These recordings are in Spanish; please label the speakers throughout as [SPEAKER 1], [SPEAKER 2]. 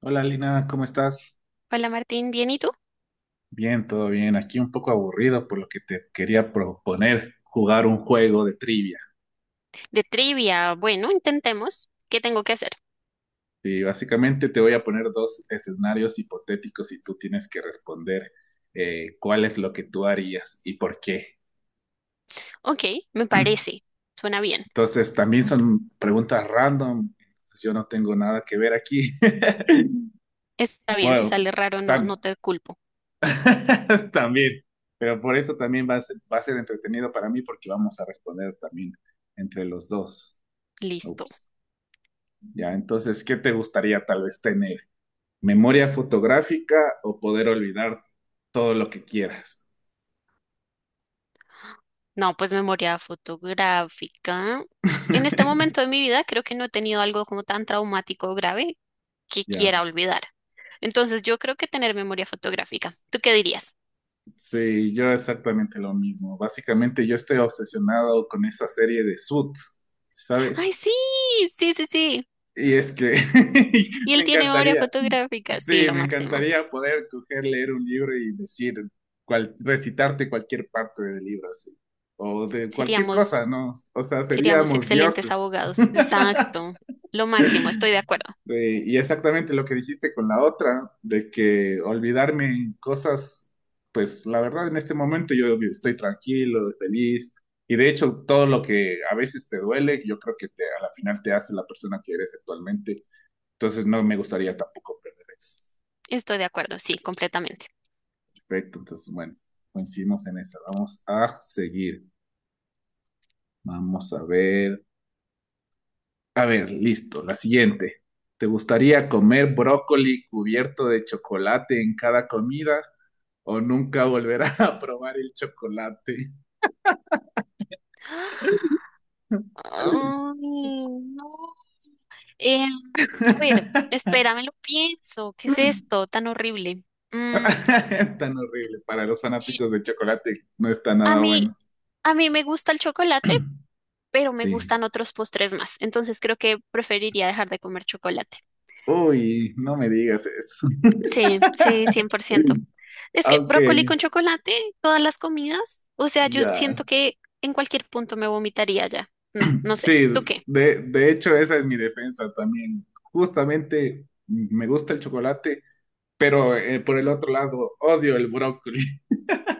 [SPEAKER 1] Hola Lina, ¿cómo estás?
[SPEAKER 2] Hola Martín, ¿bien y tú?
[SPEAKER 1] Bien, todo bien. Aquí un poco aburrido, por lo que te quería proponer jugar un juego de trivia.
[SPEAKER 2] De trivia, bueno, intentemos. ¿Qué tengo que hacer?
[SPEAKER 1] Sí, básicamente te voy a poner dos escenarios hipotéticos y tú tienes que responder cuál es lo que tú harías y por qué.
[SPEAKER 2] Ok, me parece. Suena bien.
[SPEAKER 1] Entonces, también son preguntas random. Pues yo no tengo nada que ver aquí.
[SPEAKER 2] Está bien, si
[SPEAKER 1] Bueno,
[SPEAKER 2] sale raro, no
[SPEAKER 1] tam-
[SPEAKER 2] te culpo.
[SPEAKER 1] también. Pero por eso también va a ser entretenido para mí porque vamos a responder también entre los dos.
[SPEAKER 2] Listo.
[SPEAKER 1] Ups. Ya, entonces, ¿qué te gustaría tal vez tener? ¿Memoria fotográfica o poder olvidar todo lo que quieras?
[SPEAKER 2] No, pues memoria fotográfica. En este momento de mi vida creo que no he tenido algo como tan traumático o grave que quiera
[SPEAKER 1] Ya,
[SPEAKER 2] olvidar. Entonces yo creo que tener memoria fotográfica. ¿Tú qué dirías?
[SPEAKER 1] sí, yo exactamente lo mismo. Básicamente yo estoy obsesionado con esa serie de Suits, ¿sabes?
[SPEAKER 2] Ay, sí, sí, sí, sí.
[SPEAKER 1] Y es que
[SPEAKER 2] Y
[SPEAKER 1] me
[SPEAKER 2] él tiene memoria
[SPEAKER 1] encantaría,
[SPEAKER 2] fotográfica. Sí,
[SPEAKER 1] sí,
[SPEAKER 2] lo
[SPEAKER 1] me
[SPEAKER 2] máximo.
[SPEAKER 1] encantaría poder coger, leer un libro y decir, recitarte cualquier parte del libro, así, o de cualquier
[SPEAKER 2] Seríamos
[SPEAKER 1] cosa, ¿no? O sea,
[SPEAKER 2] Seríamos
[SPEAKER 1] seríamos
[SPEAKER 2] excelentes
[SPEAKER 1] dioses.
[SPEAKER 2] abogados. Exacto. Lo máximo. Estoy de acuerdo.
[SPEAKER 1] Y exactamente lo que dijiste con la otra, de que olvidarme en cosas, pues la verdad en este momento yo estoy tranquilo, feliz, y de hecho todo lo que a veces te duele, yo creo que a la final te hace la persona que eres actualmente, entonces no me gustaría tampoco perder eso.
[SPEAKER 2] Estoy de acuerdo. Sí, completamente.
[SPEAKER 1] Perfecto, entonces bueno, coincidimos en esa, vamos a seguir, vamos a ver, listo, la siguiente. ¿Te gustaría comer brócoli cubierto de chocolate en cada comida o nunca volverá a probar el chocolate?
[SPEAKER 2] Ay, no. A ver, espérame, lo pienso. ¿Qué es esto tan horrible? Mm,
[SPEAKER 1] Tan horrible. Para los
[SPEAKER 2] chi-
[SPEAKER 1] fanáticos de chocolate no está
[SPEAKER 2] a
[SPEAKER 1] nada
[SPEAKER 2] mí,
[SPEAKER 1] bueno.
[SPEAKER 2] a mí me gusta el chocolate, pero me
[SPEAKER 1] Sí.
[SPEAKER 2] gustan otros postres más. Entonces creo que preferiría dejar de comer chocolate.
[SPEAKER 1] Uy, no me digas eso.
[SPEAKER 2] Sí, sí, 100%. Es que
[SPEAKER 1] Ok,
[SPEAKER 2] brócoli con chocolate, todas las comidas, o sea, yo
[SPEAKER 1] ya.
[SPEAKER 2] siento que en cualquier punto me vomitaría ya. No, no sé.
[SPEAKER 1] Sí,
[SPEAKER 2] ¿Tú qué?
[SPEAKER 1] de hecho esa es mi defensa también. Justamente me gusta el chocolate, pero por el otro lado odio el brócoli.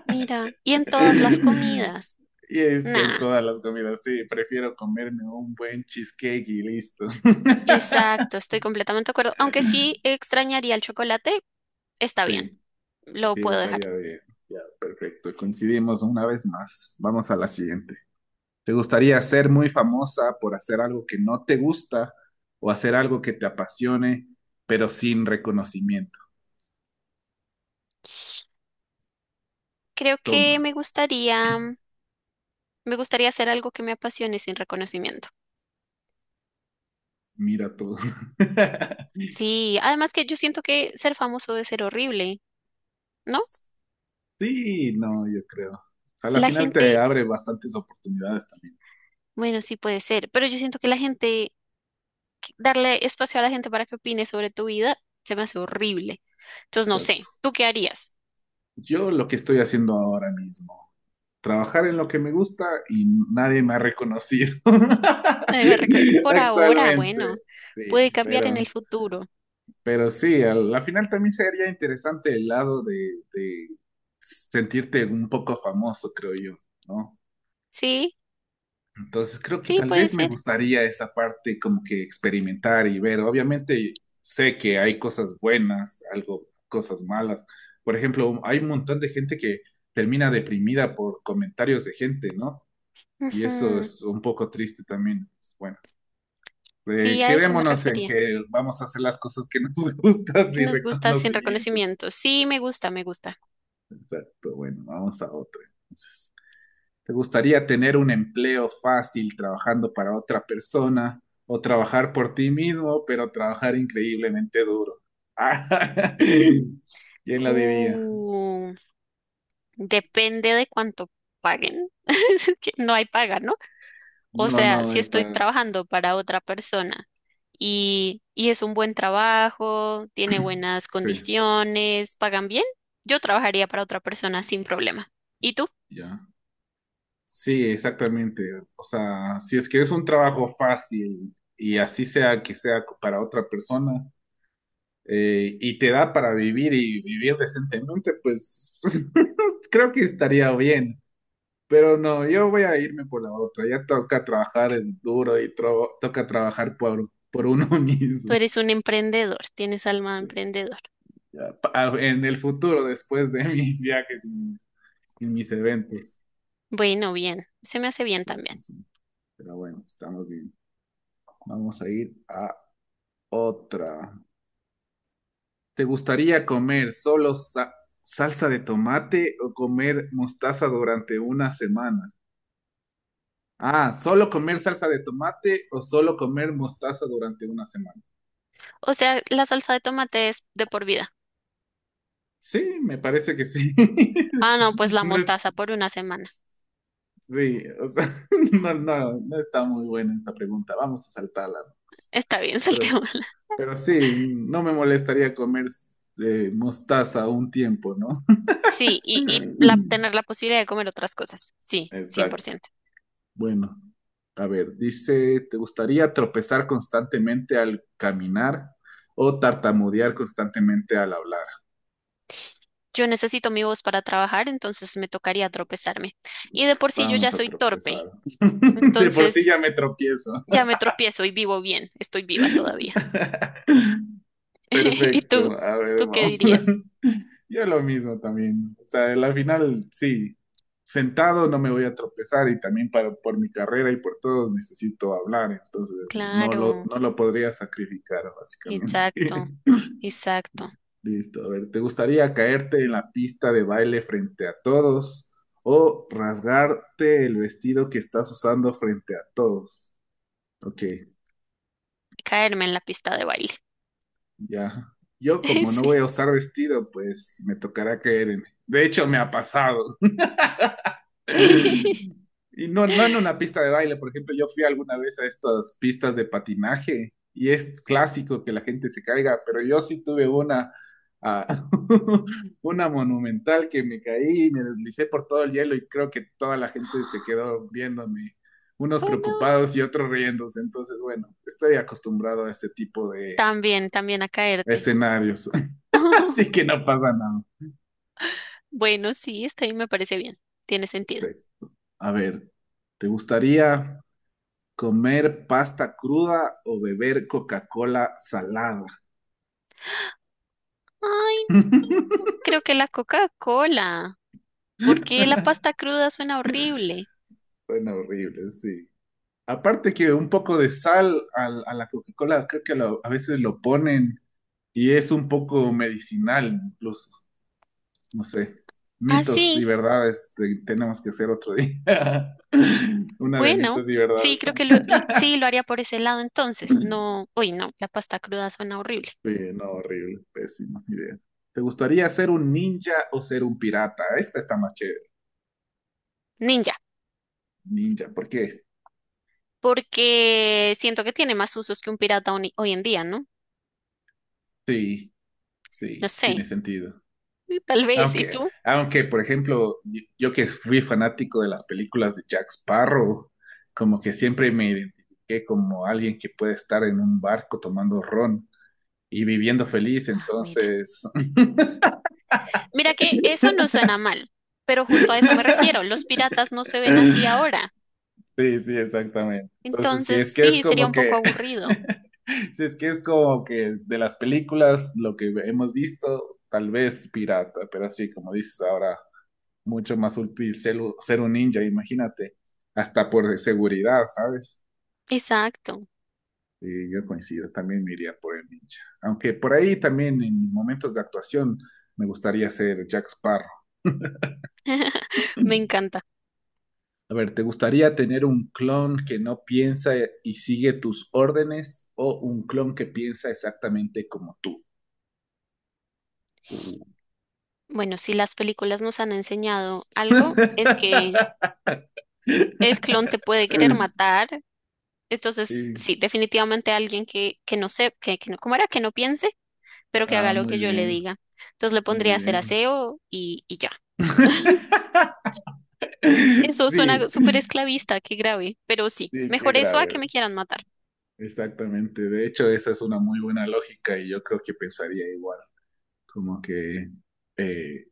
[SPEAKER 2] Mira, y en todas las comidas.
[SPEAKER 1] Y este, en
[SPEAKER 2] Nada.
[SPEAKER 1] todas las comidas, sí, prefiero comerme un buen cheesecake y listo.
[SPEAKER 2] Exacto, estoy completamente de acuerdo. Aunque sí extrañaría el chocolate, está bien,
[SPEAKER 1] Sí,
[SPEAKER 2] lo
[SPEAKER 1] sí,
[SPEAKER 2] puedo dejar.
[SPEAKER 1] estaría bien. Ya, perfecto. Coincidimos una vez más. Vamos a la siguiente. ¿Te gustaría ser muy famosa por hacer algo que no te gusta o hacer algo que te apasione, pero sin reconocimiento?
[SPEAKER 2] Creo
[SPEAKER 1] Toma,
[SPEAKER 2] que me gustaría, Me gustaría hacer algo que me apasione sin reconocimiento.
[SPEAKER 1] mira todo.
[SPEAKER 2] Sí, además que yo siento que ser famoso debe ser horrible, ¿no?
[SPEAKER 1] Sí, no, yo creo. A la
[SPEAKER 2] La
[SPEAKER 1] final te
[SPEAKER 2] gente,
[SPEAKER 1] abre bastantes oportunidades también.
[SPEAKER 2] bueno, sí puede ser, pero yo siento que darle espacio a la gente para que opine sobre tu vida, se me hace horrible. Entonces, no
[SPEAKER 1] Exacto.
[SPEAKER 2] sé, ¿tú qué harías?
[SPEAKER 1] Yo lo que estoy haciendo ahora mismo, trabajar en lo que me gusta y nadie me ha reconocido
[SPEAKER 2] Por ahora, bueno,
[SPEAKER 1] actualmente.
[SPEAKER 2] puede
[SPEAKER 1] Sí,
[SPEAKER 2] cambiar en el futuro.
[SPEAKER 1] pero sí, al, la final también sería interesante el lado de sentirte un poco famoso, creo yo, ¿no?
[SPEAKER 2] Sí,
[SPEAKER 1] Entonces creo que
[SPEAKER 2] sí,
[SPEAKER 1] tal
[SPEAKER 2] puede
[SPEAKER 1] vez me
[SPEAKER 2] ser.
[SPEAKER 1] gustaría esa parte como que experimentar y ver. Obviamente sé que hay cosas buenas, algo, cosas malas. Por ejemplo, hay un montón de gente que termina deprimida por comentarios de gente, ¿no? Y eso
[SPEAKER 2] Ujú.
[SPEAKER 1] es un poco triste también. Pues, bueno,
[SPEAKER 2] Sí, a eso me
[SPEAKER 1] quedémonos en
[SPEAKER 2] refería.
[SPEAKER 1] que vamos a hacer las cosas que nos gustan
[SPEAKER 2] ¿Qué
[SPEAKER 1] y
[SPEAKER 2] nos gusta sin
[SPEAKER 1] reconocimiento.
[SPEAKER 2] reconocimiento? Sí, me gusta, me gusta.
[SPEAKER 1] Exacto. Bueno, vamos a otro. Entonces, ¿te gustaría tener un empleo fácil trabajando para otra persona o trabajar por ti mismo, pero trabajar increíblemente duro? ¿Quién lo diría?
[SPEAKER 2] Uh. Depende de cuánto paguen. Es que no hay paga, ¿no? O
[SPEAKER 1] No,
[SPEAKER 2] sea,
[SPEAKER 1] no,
[SPEAKER 2] si estoy trabajando para otra persona y es un buen trabajo, tiene buenas
[SPEAKER 1] Sí,
[SPEAKER 2] condiciones, pagan bien, yo trabajaría para otra persona sin problema. ¿Y tú?
[SPEAKER 1] ya. Sí, exactamente. O sea, si es que es un trabajo fácil y así sea que sea para otra persona y te da para vivir y vivir decentemente, pues, pues, creo que estaría bien. Pero no, yo voy a irme por la otra. Ya toca trabajar en duro y toca trabajar por uno
[SPEAKER 2] Tú
[SPEAKER 1] mismo.
[SPEAKER 2] eres un emprendedor, tienes alma de
[SPEAKER 1] Pues,
[SPEAKER 2] emprendedor.
[SPEAKER 1] ya, en el futuro, después de mis viajes y mis eventos.
[SPEAKER 2] Bueno, bien, se me hace bien
[SPEAKER 1] Sí,
[SPEAKER 2] también.
[SPEAKER 1] sí, sí. Pero bueno, estamos bien. Vamos a ir a otra. ¿Te gustaría comer solo salsa de tomate o comer mostaza durante una semana? Ah, ¿solo comer salsa de tomate o solo comer mostaza durante una semana?
[SPEAKER 2] O sea, la salsa de tomate es de por vida.
[SPEAKER 1] Sí, me parece que sí.
[SPEAKER 2] Ah, no, pues la
[SPEAKER 1] No es-
[SPEAKER 2] mostaza por una semana.
[SPEAKER 1] Sí, o sea, no, no, no está muy buena esta pregunta. Vamos a saltarla, ¿no?
[SPEAKER 2] Está bien,
[SPEAKER 1] Pero,
[SPEAKER 2] saltemos.
[SPEAKER 1] pero sí, no me molestaría comer mostaza un tiempo, ¿no?
[SPEAKER 2] Sí, tener la posibilidad de comer otras cosas. Sí, cien por
[SPEAKER 1] Exacto.
[SPEAKER 2] ciento.
[SPEAKER 1] Bueno, a ver, dice, ¿te gustaría tropezar constantemente al caminar o tartamudear constantemente al hablar?
[SPEAKER 2] Yo necesito mi voz para trabajar, entonces me tocaría tropezarme. Y de por sí yo
[SPEAKER 1] Vamos
[SPEAKER 2] ya
[SPEAKER 1] a
[SPEAKER 2] soy
[SPEAKER 1] tropezar.
[SPEAKER 2] torpe,
[SPEAKER 1] De por sí ya
[SPEAKER 2] entonces
[SPEAKER 1] me tropiezo.
[SPEAKER 2] ya me tropiezo y vivo bien, estoy viva todavía. ¿Y
[SPEAKER 1] Perfecto.
[SPEAKER 2] tú?
[SPEAKER 1] A ver,
[SPEAKER 2] ¿Tú qué
[SPEAKER 1] vamos.
[SPEAKER 2] dirías?
[SPEAKER 1] Yo lo mismo también. O sea, al final, sí, sentado no me voy a tropezar y también por mi carrera y por todo necesito hablar, entonces
[SPEAKER 2] Claro,
[SPEAKER 1] no lo podría sacrificar,
[SPEAKER 2] exacto,
[SPEAKER 1] básicamente.
[SPEAKER 2] exacto.
[SPEAKER 1] Listo, a ver, ¿te gustaría caerte en la pista de baile frente a todos o rasgarte el vestido que estás usando frente a todos? Ok,
[SPEAKER 2] Caerme en la pista de baile.
[SPEAKER 1] ya. Yo como no
[SPEAKER 2] Sí.
[SPEAKER 1] voy a usar vestido, pues me tocará caerme. De hecho, me ha pasado. Y no, no en una pista de baile, por ejemplo, yo fui alguna vez a estas pistas de patinaje y es clásico que la gente se caiga, pero yo sí tuve una, ah, una monumental que me caí, me deslicé por todo el hielo y creo que toda la gente se quedó viéndome, unos
[SPEAKER 2] Oh, no.
[SPEAKER 1] preocupados y otros riéndose. Entonces, bueno, estoy acostumbrado a este tipo de
[SPEAKER 2] También, también a caerte.
[SPEAKER 1] escenarios, así que no pasa nada.
[SPEAKER 2] Bueno, sí, está bien, me parece bien. Tiene sentido.
[SPEAKER 1] A ver, ¿te gustaría ¿comer pasta cruda o beber Coca-Cola salada?
[SPEAKER 2] Ay, no, creo que la Coca-Cola, porque la pasta cruda suena horrible.
[SPEAKER 1] Suena horrible, sí. Aparte que un poco de sal a la Coca-Cola, creo que a veces lo ponen y es un poco medicinal, incluso, no sé.
[SPEAKER 2] Ah,
[SPEAKER 1] Mitos y
[SPEAKER 2] sí,
[SPEAKER 1] verdades, tenemos que hacer otro día. Una de
[SPEAKER 2] bueno,
[SPEAKER 1] mitos y
[SPEAKER 2] sí,
[SPEAKER 1] verdades.
[SPEAKER 2] creo que sí lo haría por ese lado entonces. No, uy, no, la pasta cruda suena horrible.
[SPEAKER 1] Sí, no, horrible, pésima idea. ¿Te gustaría ser un ninja o ser un pirata? Esta está más chévere,
[SPEAKER 2] Ninja,
[SPEAKER 1] ninja, ¿por qué?
[SPEAKER 2] porque siento que tiene más usos que un pirata hoy en día, ¿no?
[SPEAKER 1] Sí,
[SPEAKER 2] No
[SPEAKER 1] sí,
[SPEAKER 2] sé,
[SPEAKER 1] tiene sentido.
[SPEAKER 2] tal vez, ¿y
[SPEAKER 1] Aunque,
[SPEAKER 2] tú?
[SPEAKER 1] aunque, por ejemplo, yo que fui fanático de las películas de Jack Sparrow, como que siempre me identifiqué como alguien que puede estar en un barco tomando ron y viviendo feliz,
[SPEAKER 2] Ah, mira.
[SPEAKER 1] entonces...
[SPEAKER 2] Mira que eso no suena mal, pero justo a eso me refiero. Los piratas no se ven así ahora.
[SPEAKER 1] Sí, sí, exactamente. Entonces, si
[SPEAKER 2] Entonces,
[SPEAKER 1] es que es
[SPEAKER 2] sí, sería
[SPEAKER 1] como
[SPEAKER 2] un poco
[SPEAKER 1] que,
[SPEAKER 2] aburrido.
[SPEAKER 1] si es que es como que de las películas, lo que hemos visto, tal vez pirata, pero así como dices ahora, mucho más útil ser un ninja, imagínate, hasta por seguridad, ¿sabes?
[SPEAKER 2] Exacto,
[SPEAKER 1] Sí, yo coincido, también me iría por el ninja. Aunque por ahí también en mis momentos de actuación me gustaría ser Jack Sparrow.
[SPEAKER 2] me encanta.
[SPEAKER 1] A ver, ¿te gustaría tener un clon que no piensa y sigue tus órdenes o un clon que piensa exactamente como tú? Uh.
[SPEAKER 2] Bueno, si las películas nos han enseñado algo, es que el clon te puede querer matar. Entonces,
[SPEAKER 1] Sí.
[SPEAKER 2] sí, definitivamente alguien que no sé, que no, ¿cómo era? Que no piense, pero que haga
[SPEAKER 1] Ah,
[SPEAKER 2] lo
[SPEAKER 1] muy
[SPEAKER 2] que yo le
[SPEAKER 1] bien,
[SPEAKER 2] diga. Entonces le
[SPEAKER 1] muy
[SPEAKER 2] pondría a hacer
[SPEAKER 1] bien.
[SPEAKER 2] aseo y ya. Eso suena
[SPEAKER 1] Sí,
[SPEAKER 2] súper esclavista, qué grave. Pero sí,
[SPEAKER 1] sí, qué
[SPEAKER 2] mejor eso a que
[SPEAKER 1] grave.
[SPEAKER 2] me quieran matar.
[SPEAKER 1] Exactamente. De hecho, esa es una muy buena lógica y yo creo que pensaría igual. Como que eh,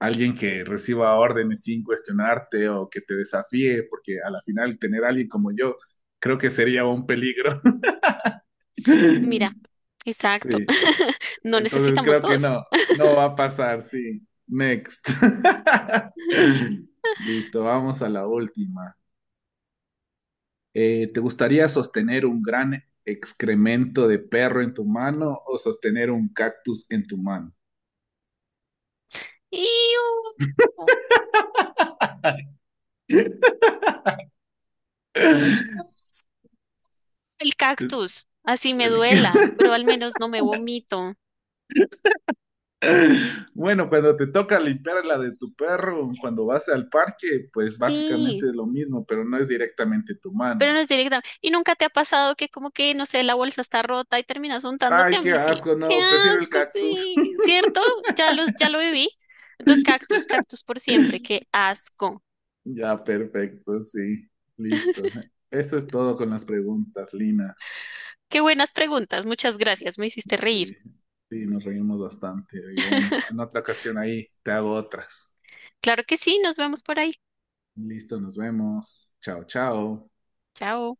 [SPEAKER 1] alguien que reciba órdenes sin cuestionarte o que te desafíe, porque a la final tener a alguien como yo creo que sería un peligro.
[SPEAKER 2] Mira, exacto.
[SPEAKER 1] Sí.
[SPEAKER 2] No
[SPEAKER 1] Entonces
[SPEAKER 2] necesitamos
[SPEAKER 1] creo que
[SPEAKER 2] dos.
[SPEAKER 1] no, no va a pasar, sí. Next. Listo, vamos a la última. ¿Te gustaría sostener un gran excremento de perro en tu mano o sostener un cactus en tu mano?
[SPEAKER 2] ¡Iu! El cactus. Así me
[SPEAKER 1] El que-
[SPEAKER 2] duela, pero al menos no me vomito.
[SPEAKER 1] Bueno, cuando te toca limpiar la de tu perro, cuando vas al parque, pues básicamente
[SPEAKER 2] Sí,
[SPEAKER 1] es lo mismo, pero no es directamente tu
[SPEAKER 2] pero
[SPEAKER 1] mano.
[SPEAKER 2] no es directamente. ¿Y nunca te ha pasado que como que, no sé, la bolsa está rota y terminas untándote
[SPEAKER 1] Ay,
[SPEAKER 2] a
[SPEAKER 1] qué
[SPEAKER 2] mí? Sí.
[SPEAKER 1] asco,
[SPEAKER 2] Qué
[SPEAKER 1] no, prefiero el
[SPEAKER 2] asco,
[SPEAKER 1] cactus.
[SPEAKER 2] sí. ¿Cierto? Ya lo viví. Entonces, cactus, cactus por siempre. Qué asco.
[SPEAKER 1] Ya, perfecto, sí, listo. Eso es todo con las preguntas, Lina.
[SPEAKER 2] Qué buenas preguntas. Muchas gracias. Me hiciste reír.
[SPEAKER 1] Sí, sí, nos reímos bastante. Y bueno, en otra ocasión ahí te hago otras.
[SPEAKER 2] Claro que sí. Nos vemos por ahí.
[SPEAKER 1] Listo, nos vemos. Chao, chao.
[SPEAKER 2] Chao.